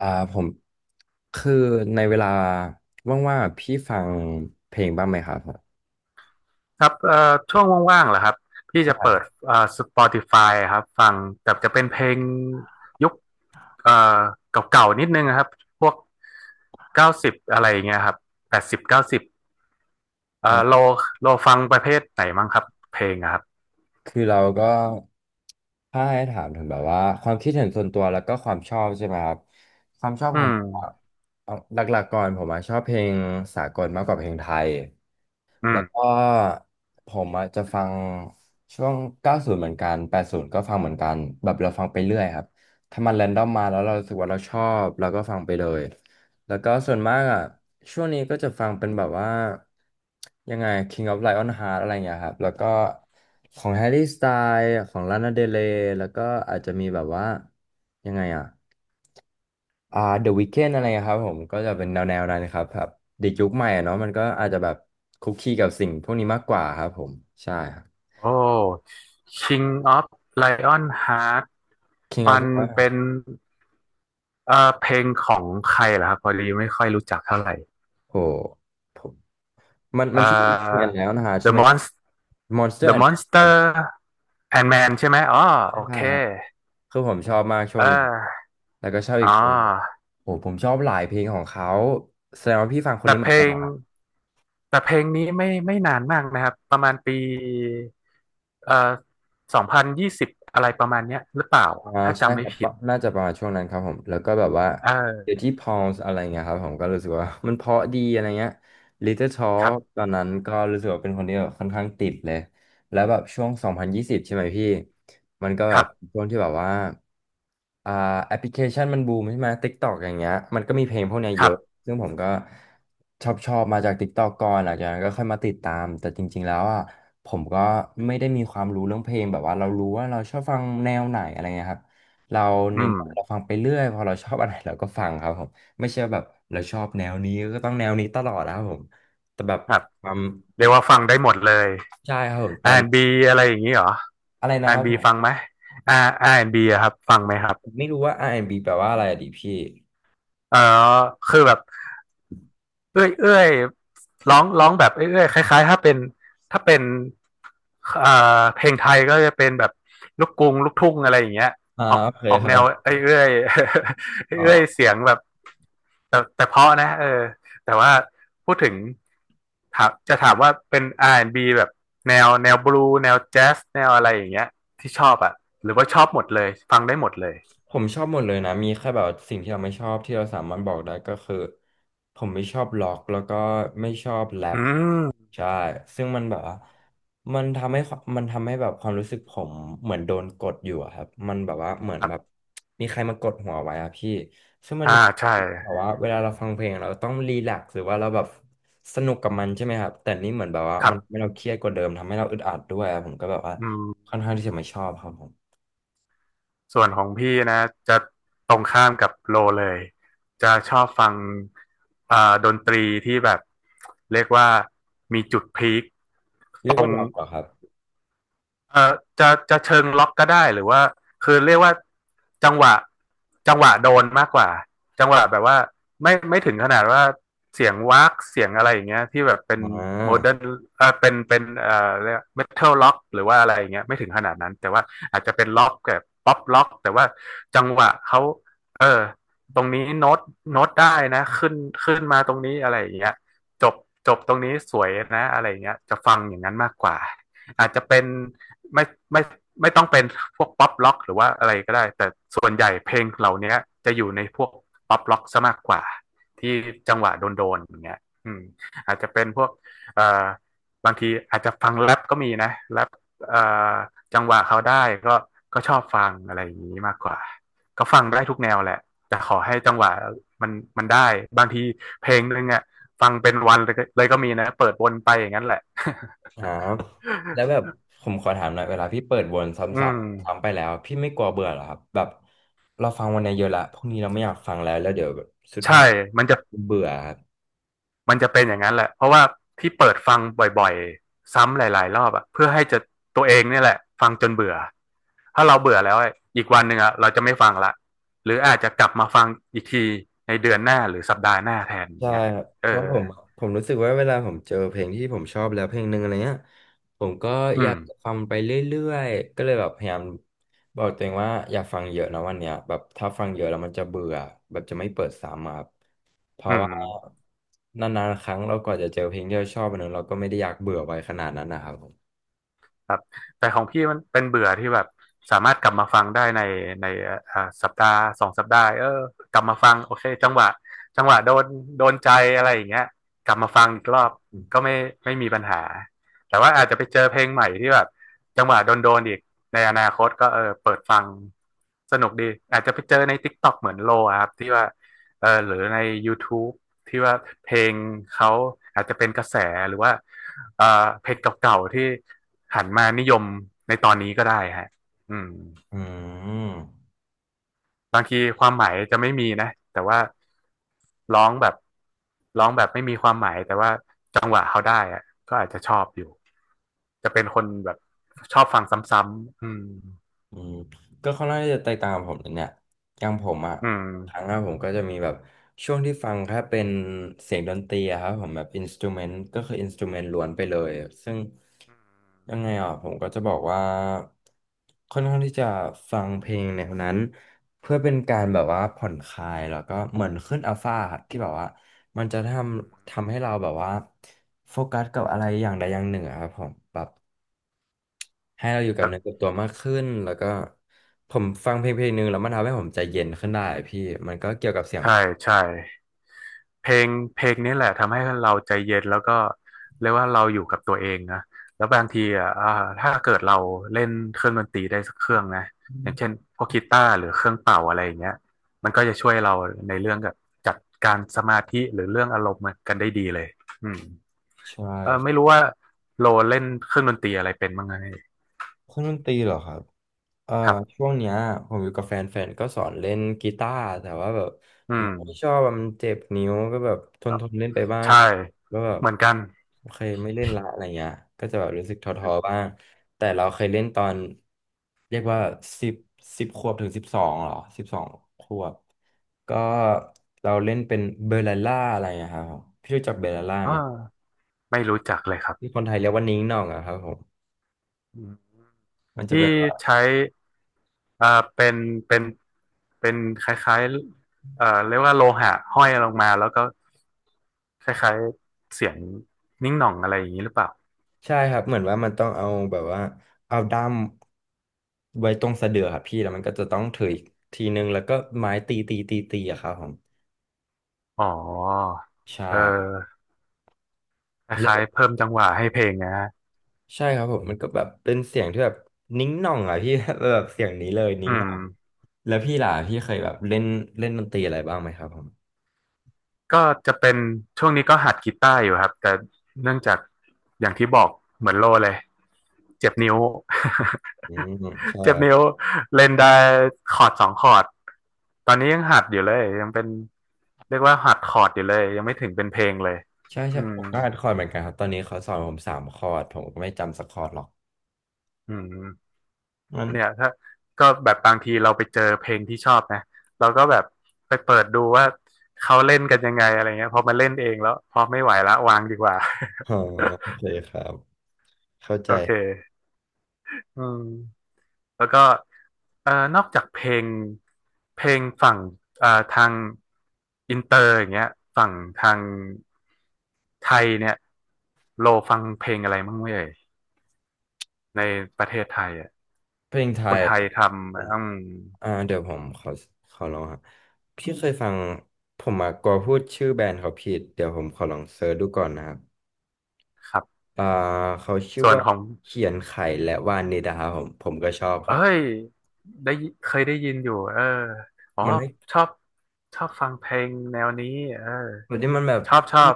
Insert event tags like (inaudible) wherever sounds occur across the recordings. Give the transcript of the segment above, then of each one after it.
อ่าผมคือในเวลาว่างๆอะพี่ฟังเพลงบ้างไหมครับผมครับช่วงว่างๆเหรอครับพี่จะเปิดSpotify ครับฟังแต่จะเป็นเพลงยุคเอ่อเก่าๆ นิดนึงนะครับพวกเก้าสิบอะไรอย่างเงี้ยครับแปดสิบเก้าสิบเอ่อโลอ่าโลฟังประเภทไหนมั้งครับเพลงอะครับคือเราก็ถ้าให้ถามถึงแบบว่าความคิดเห็นส่วนตัวแล้วก็ความชอบใช่ไหมครับความชอบอืของผมอะมเอาหลักๆก่อนผมอะชอบเพลงสากลมากกว่าเพลงไทยอืแล้วก็มผมอะจะฟังช่วง90เหมือนกัน80ก็ฟังเหมือนกันแบบเราฟังไปเรื่อยครับถ้ามันแรนดอมมาแล้วเรารู้สึกว่าเราชอบเราก็ฟังไปเลย แล้วก็ส่วนมากอ่ะช่วงนี้ก็จะฟังเป็นแบบว่ายังไง King of Lion Heart อะไรอย่างเงี้ยครับแล้วก็ของ Harry Styles ของ Lana Del Rey แล้วก็อาจจะมีแบบว่ายังไงอ่ะThe Weeknd อะไรอะครับผมก็จะเป็นแนวนั้นครับแบบเด็กยุคใหม่อะเนาะมันก็อาจจะแบบคุกคีกับสิ่งพวกนี้มากกว่าครับผมใช่ครับ โอ้ King of Lion Heart King มัน of เป็ Lion นเพลงของใครเหรอครับพอดีไม่ค่อยรู้จักเท่าไหร่โหผมมันเอ่มัอ นชื่อเปลี่ยนแล้วนะฮะใช่ The ไหมครับ Monster Monster The and Men ครับ Monster Ant-Man ใช่ไหมอ๋อใช่โอเคครับ คือผมชอบมากช่เวงนี้ ออแล้วก็ชอบอ๋อีกอเพลงหนึ่งโอ้ผมชอบหลายเพลงของเขาแสดงว่าพี่ฟังคนแต่นี้เหเพมือลนกันเหงรอ แต่เพลงนี้ไม่นานมากนะครับ ประมาณปีเอ่อสองพันยี่สิบอะไรประมาณเนี้ยหรือเปล่า อ่าถ้าใช่จำไม่ครับผิดปะน่าจะประมาณช่วงนั้นครับผมแล้วก็แบบว่าเออเดี๋ยวที่พอลส์อะไรเงี้ยครับผมก็รู้สึกว่า (laughs) มันเพราะดีอะไรเงี้ย Little ครั Talk บตอนนั้นก็รู้สึกว่าเป็นคนที่แบบค่อนข้างติดเลยแล้วแบบช่วง2020ใช่ไหมพี่มันก็คแบรับบช่วงที่แบบว่าอ่าแอปพลิเคชันมันบูมใช่ไหม TikTok อย่างเงี้ยมันก็มีเพลงพวกเนี้ยคเยรัอะบซึ่งผมก็ชอบมาจาก TikTok ก่อนหลังจากนั้นก็ค่อยมาติดตามแต่จริงๆแล้วอ่ะ ผมก็ไม่ได้มีความรู้เรื่องเพลงแบบว่าเรารู้ว่าเราชอบฟังแนวไหนอะไรเงี้ยครับเราอืเน้นมเราฟังไปเรื่อยพอเราชอบอะไรเราก็ฟังครับผมไม่ใช่แบบเราชอบแนวนี้ก็ต้องแนวนี้ตลอดนะครับผมแต่แบบครับ ความเรียกว่าฟังได้หมดเลย ใช่ครับผมแต่ R&B อนด์บีอะไรอย่างนี้เหรอ อะไรนะครับ R&B ผมฟังไหม R&B อนด์บีอะครับฟังไหมครับผมไม่รู้ว่า R&B แอนด์บีแปลว่าอะไรอะดิพี่เออคือแบบ เอ้ยร้องแบบเอ้ยเอยคล้ายๆถ้าเป็นเพลงไทยก็จะเป็นแบบลูกกรุงลูกทุ่งอะไรอย่างเงี้ยอ่าออกโอเคออกคแนรับวเอ้ยเอ้ย (laughs) เอยอ๋เอ้ยอ เสียงแบบแต่เพราะนะเออแต่ว่าพูดถึงถามว่าเป็นอาร์แอนด์บ b แบบแนวบลูแนวแจ๊สแนวอะไรอย่างเงี้ยที่ชอบอ่ะหรือว่าชอบหมดเลยฟังได้หมดเลยผมชอบหมดเลยนะมีแค่แบบสิ่งที่เราไม่ชอบที่เราสามารถบอกได้ก็คือผมไม่ชอบล็อกแล้วก็ไม่ชอบแรอืปมใช่ซึ่งมันแบบว่ามันทำให้แบบความรู้สึกผมเหมือนโดนกดอยู่อะครับมันแบบว่าเหมือคนรัแบบบมีใครมากดหัวไว้อะพี่ซึ่งมันอ่าใช่แบบว่าเวลาเราฟังเพลงเราต้องรีแลกซ์หรือว่าเราแบบสนุกกับมันใช่ไหมครับแต่นี่เหมือนแบบว่าครัมันทำให้บเราเครียดกว่าเดิมทำให้เราอึดอัดด้วยอะผมก็แบบว่าอืค่อนม ข้างที่จะไม่ชอบครับผมส่วนของพี่นะจะตรงข้ามกับโลเลยจะชอบฟังอ่าดนตรีที่แบบเรียกว่ามีจุดพีค เรียกว่าล็อกเหรอครับเอ่อจะเชิงล็อกก็ได้หรือว่าคือเรียกว่าจังหวะจังหวะโดนมากกว่าจังหวะแบบว่าไม่ถึงขนาดว่าเสียงวากเสียงอะไรอย่างเงี้ยที่แบบเป็นอ่โมเดิร์นา เออเป็นเรียกเมทัลล็อกหรือว่าอะไรอย่างเงี้ยไม่ถึงขนาดนั้นแต่ว่าอาจจะเป็นล็อกแบบป๊อปล็อกแต่ว่าจังหวะเขาเออตรงนี้โน้ตได้นะขึ้นมาตรงนี้อะไรอย่างเงี้ยจบจบตรงนี้สวยนะอะไรอย่างเงี้ยจะฟังอย่างนั้นมากกว่าอาจจะเป็น ไม่ไม่ไม่ต้องเป็น (laughs) พวกป๊อปล็อกหรือว่าอะไรก็ได้แต่ส่วนใหญ่เพลงเหล่านี้จะอยู่ในพวกป๊อปล็อกซะมากกว่าที่จังหวะโดนๆอย่างเงี้ยอืมอาจจะเป็นพวกเอ่อบางทีอาจจะฟังแรปก็มีนะแรปเอ่อจังหวะเขาได้ก็ชอบฟังอะไรอย่างนี้มากกว่าก็ฟังได้ทุกแนวแหละแต่ขอให้จังหวะมันมันได้บางทีเพลงนึงอ่ะฟังเป็นวันเลยก็มีนะเปิดวนไปอย่างนั้นแหละ ครับแล้วแบบ (laughs) ผมขอถามหน่อยเวลาพี่เปิดวนซ้ำอืม ๆซ้ำไปแล้วพี่ไม่กลัวเบื่อเหรอครับแบบเราฟังวันนี้เยอะละพรุ่งนี้เราไม่อยากฟังแล้วแล้วเดี๋ยวแบบสุดใช่ท้ายมันจะเบื่อครับมันจะเป็นอย่างนั้นแหละ เพราะว่าที่เปิดฟังบ่อยๆ ซ้ำหลายๆรอบอะเพื่อให้จะตัวเองเนี่ยแหละฟังจนเบื่อ ถ้าเราเบื่อแล้วอะอีกวันหนึ่งอะเราจะไม่ฟังละหรืออาจจะกลับมาฟังอีกทีในเดือนหน้าหรือสัปดาห์หน้าแทนอย่าใช่งเงี้ยครับเอเพราะอผมรู้สึกว่าเวลาผมเจอเพลงที่ผมชอบแล้วเพลงหนึ่งอะไรเงี้ยผมก็อือยามกฟังไปเรื่อยๆก็เลยแบบพยายามบอกตัวเองว่าอย่าฟังเยอะนะวันเนี้ยแบบถ้าฟังเยอะแล้วมันจะเบื่อแบบจะไม่เปิดซ้ำอะครับ เพอืราะว่าม นานๆครั้งเรากว่าจะเจอเพลงที่เราชอบอันนั้นเราก็ไม่ได้อยากเบื่อไปขนาดนั้นนะครับผมครับแต่ของพี่มันเป็นเบื่อที่แบบสามารถกลับมาฟังได้ในอ่าสัปดาห์สองสัปดาห์เออกลับมาฟังโอเคจังหวะโดนใจอะไรอย่างเงี้ยกลับมาฟังอีกรอบก็ไม่มีปัญหาแต่ว่าอาจจะไปเจอเพลงใหม่ที่แบบจังหวะโดนอีกในอนาคตก็เออเปิดฟังสนุกดีอาจจะไปเจอใน TikTok เหมือนโลอะครับที่ว่าเออหรือใน YouTube ที่ว่าเพลงเขาอาจจะเป็นกระแสหรือว่าเออเพลงเก่าๆที่ หันมานิยมในตอนนี้ก็ได้ฮะอืมอืม บางทีความหมายจะไม่มีนะแต่ว่าร้องแบบร้องแบบไม่มีความหมายแต่ว่าจังหวะเขาได้อะก็อาจจะชอบอยู่ จะเป็นคนแบบชอบฟังซ้ำๆอืมอืมก็ค่อนข้างที่จะแตกต่างกับผมเลยเนี่ยอย่างผมอ่ะอืครั้งมแรผมก็จะมีแบบช่วงที่ฟังแค่เป็นเสียงดนตรีอะครับผมแบบอินสตูเมนต์ก็คืออินสตูเมนต์ล้วนไปเลย ซึ่งยังไงอ่ะผมก็จะบอกว่าค่อนข้างที่จะฟังเพลงแนวนั้นเพื่อเป็นการแบบว่าผ่อนคลายแล้วก็เหมือนขึ้นอัลฟาครับที่แบบว่ามันจะทำให้เราแบบว่าโฟกัสกับอะไรอย่างใดอย่างหนึ่งอะครับผมแบบ ให้เราอยู่คกับรัเนื้อกับบตัวมากขึ้นแล้วก็ผมฟังเพลงหนึ่งแล้วมันทำให้ผมใจเย็นขึ้นได้พี่มันก็เกี่ยวกับเสียงใช่ใช่ เพลงเพลงนี้แหละทำให้เราใจเย็นแล้วก็เรียกว่าเราอยู่กับตัวเองนะแล้วบางทีอ่ะถ้าเกิดเราเล่นเครื่องดนตรีได้สักเครื่องนะอย่างเช่นพวกกีตาร์หรือเครื่องเป่าอะไรอย่างเงี้ยมันก็จะช่วยเราในเรื่องกับจัดการสมาธิหรือเรื่องอารมณ์กันได้ดีเลยอืมใช่เออครัไม่บรู้ว่าโลเล่นเครื่องดนตรีอะไรเป็นบ้างไงเครื่องดนตรีเหรอครับ เอ่อครับช่วงเนี้ยผมอยู่กับแฟนก็สอนเล่นกีตาร์แต่ว่าแบบอืผมมไม่ชอบอะมันเจ็บนิ้วก็แบบเอ่อทนเล่นไปบ้างใช่แล้วแบบเหมือนกันโอเคไม่เล่นละอะไรเงี้ยก็จะแบบรู้สึกท้อๆบ้างแต่เราเคยเล่นตอนเรียกว่าสิบสิบขวบถึงสิบสองหรอสิบสองขวบก็เราเล่นเป็นเบลล่าอะไรอะครับผมพี่รู้จักเบลล่าเอไหม่ไม่รู้จักเลยครับที่คนไทยเรียกว่านิ้งหน่องอะครับผมอืมมันจะที่แบบว่า ใช้ อ่าเป็นเป็นเป็นคล้ายๆเรียกว่าโลหะห้อยลงมาแล้วก็คล้ายๆเสียงนิ้งหน่องอะไรอย่างนี้หรือเปล่าใช่ครับเหมือนว่ามันต้องเอาแบบว่าเอาด้ามไว้ตรงสะเดือครับพี่แล้วมันก็จะต้องถืออีกทีนึงแล้วก็ไม้ตีตีอะครับผมอ๋อใช่เออคแล้ล้ายๆวเพิ่มจังหวะให้เพลงนะฮะใช่ครับผมมันก็แบบเป็นเสียงที่แบบนิ้งหน่องอะพี่ (laughs) แบบเสียงนี้เลยอืนิ้งหม น่องแล้วพี่ล่ะพี่เคยแบบเล่นเล่นดนตรีอะไรบ้างไหมครับผมก็จะเป็นช่วงนี้ก็หัดกีตาร์อยู่ครับแต่เนื่องจากอย่างที่บอกเหมือนโลเลยเจ็บนิ้ว อืมใช่ (laughs) เจ็บนิ้วเล่นได้คอร์ดสองคอร์ดตอนนี้ยังหัดอยู่เลยยังเป็นเรียกว่าหัดคอร์ดอยู่เลยยังไม่ถึงเป็นเพลงเลยใช่อืมผมก็อ่คอร์ดเหมือนกันครับตอนนี้เขาสอนผมสามคอร์ดผมก็ไม่จำสักคอร์ดหรอกอืมมันเนี่ยถ้าก็แบบบางทีเราไปเจอเพลงที่ชอบนะเราก็แบบไปเปิดดูว่าเขาเล่นกันยังไงอะไรเงี้ยพอมาเล่นเองแล้วพอไม่ไหวละวางดีกว่า อ๋อโอเคครับเข้า (laughs) ใจโอเค อืมแล้วก็นอกจากเพลงฝั่งทางอินเตอร์อย่างเงี้ยฝั่งทางไทยเนี่ยโลฟังเพลงอะไรบ้างไหมเอ่ยในประเทศไทยอ่ะเพลงไทคยนไทเหรยอ ทำอืมเดี๋ยวผมขอลองฮะพี่เคยฟังผมมากลัวพูดชื่อแบรนด์เขาผิดเดี๋ยวผมขอลองเซิร์ชดูก่อนนะครับครับอ่าเขาชื่อส่วนว่าของเขียนไข่และวานิดาครับผมผมก็ชอบคเอ้รับยได้ยิเคยได้ยินอยู่เอออ๋อมันให้ชอบชอบฟังเพลงแนวนี้เออแบบที่มันแบบชอบ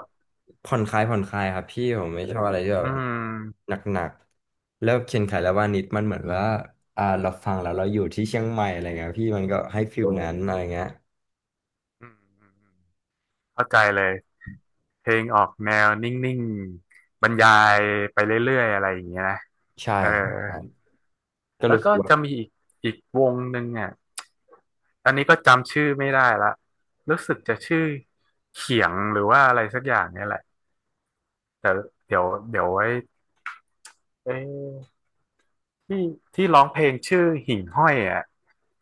ผ่อนคลายครับพี่ผมไม่ชอบอะไรที่แบอืบมหนักๆแล้วเขียนไข่และวานิดมันเหมือนว่าเราฟังแล้วเราอยู่ที่เชียงใหม่อะไรเงี้ยพี่มันก็ให้ฟิลนั้นอะไรเงี้ยอืมอืมอืมเข้าใจเลย เพลงออกแนวนิ่งๆบรรยายไปเรื่อยๆอะไรอย่างเงี้ยนะใช่เออครับครับก็แล้รู้วสึก็กว่าจะมีอีกวงหนึ่งอ่ะอันนี้ก็จำชื่อไม่ได้ละรู้สึกจะชื่อเขียงหรือว่าอะไรสักอย่างเนี่ยแหละแต่เดี๋ยวไว้เอ้ยที่ที่ร้องเพลงชื่อหิ่งห้อยอ่ะ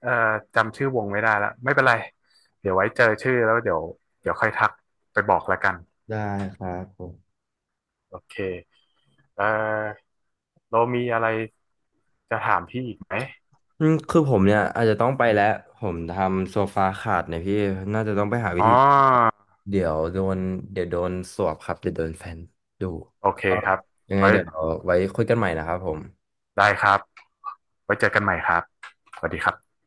เอ่อจำชื่อวงไม่ได้ละไม่เป็นไรเดี๋ยวไว้เจอชื่อแล้วเดี๋ยวค่อยทักไปบอกละกัน ได้ครับผม โอเคเอ่อเรามีอะไร จะถามพี่อีกไหมอืมคือผมเนี่ยอาจจะต้องไปแล้วผมทำโซฟาขาดเนี่ยพี่น่าจะต้องไปหาวิอ๋อธีเดี๋ยวโดนเดี๋ยวโดนสวบครับเดี๋ยวโดนแฟนดูโอเคก็ครับยังไงไว้เดี๋ยวเอาไว้คุยกันใหม่นะครับผมได้ครับไว้เจอกันใหม่ครับสวัสดีครับ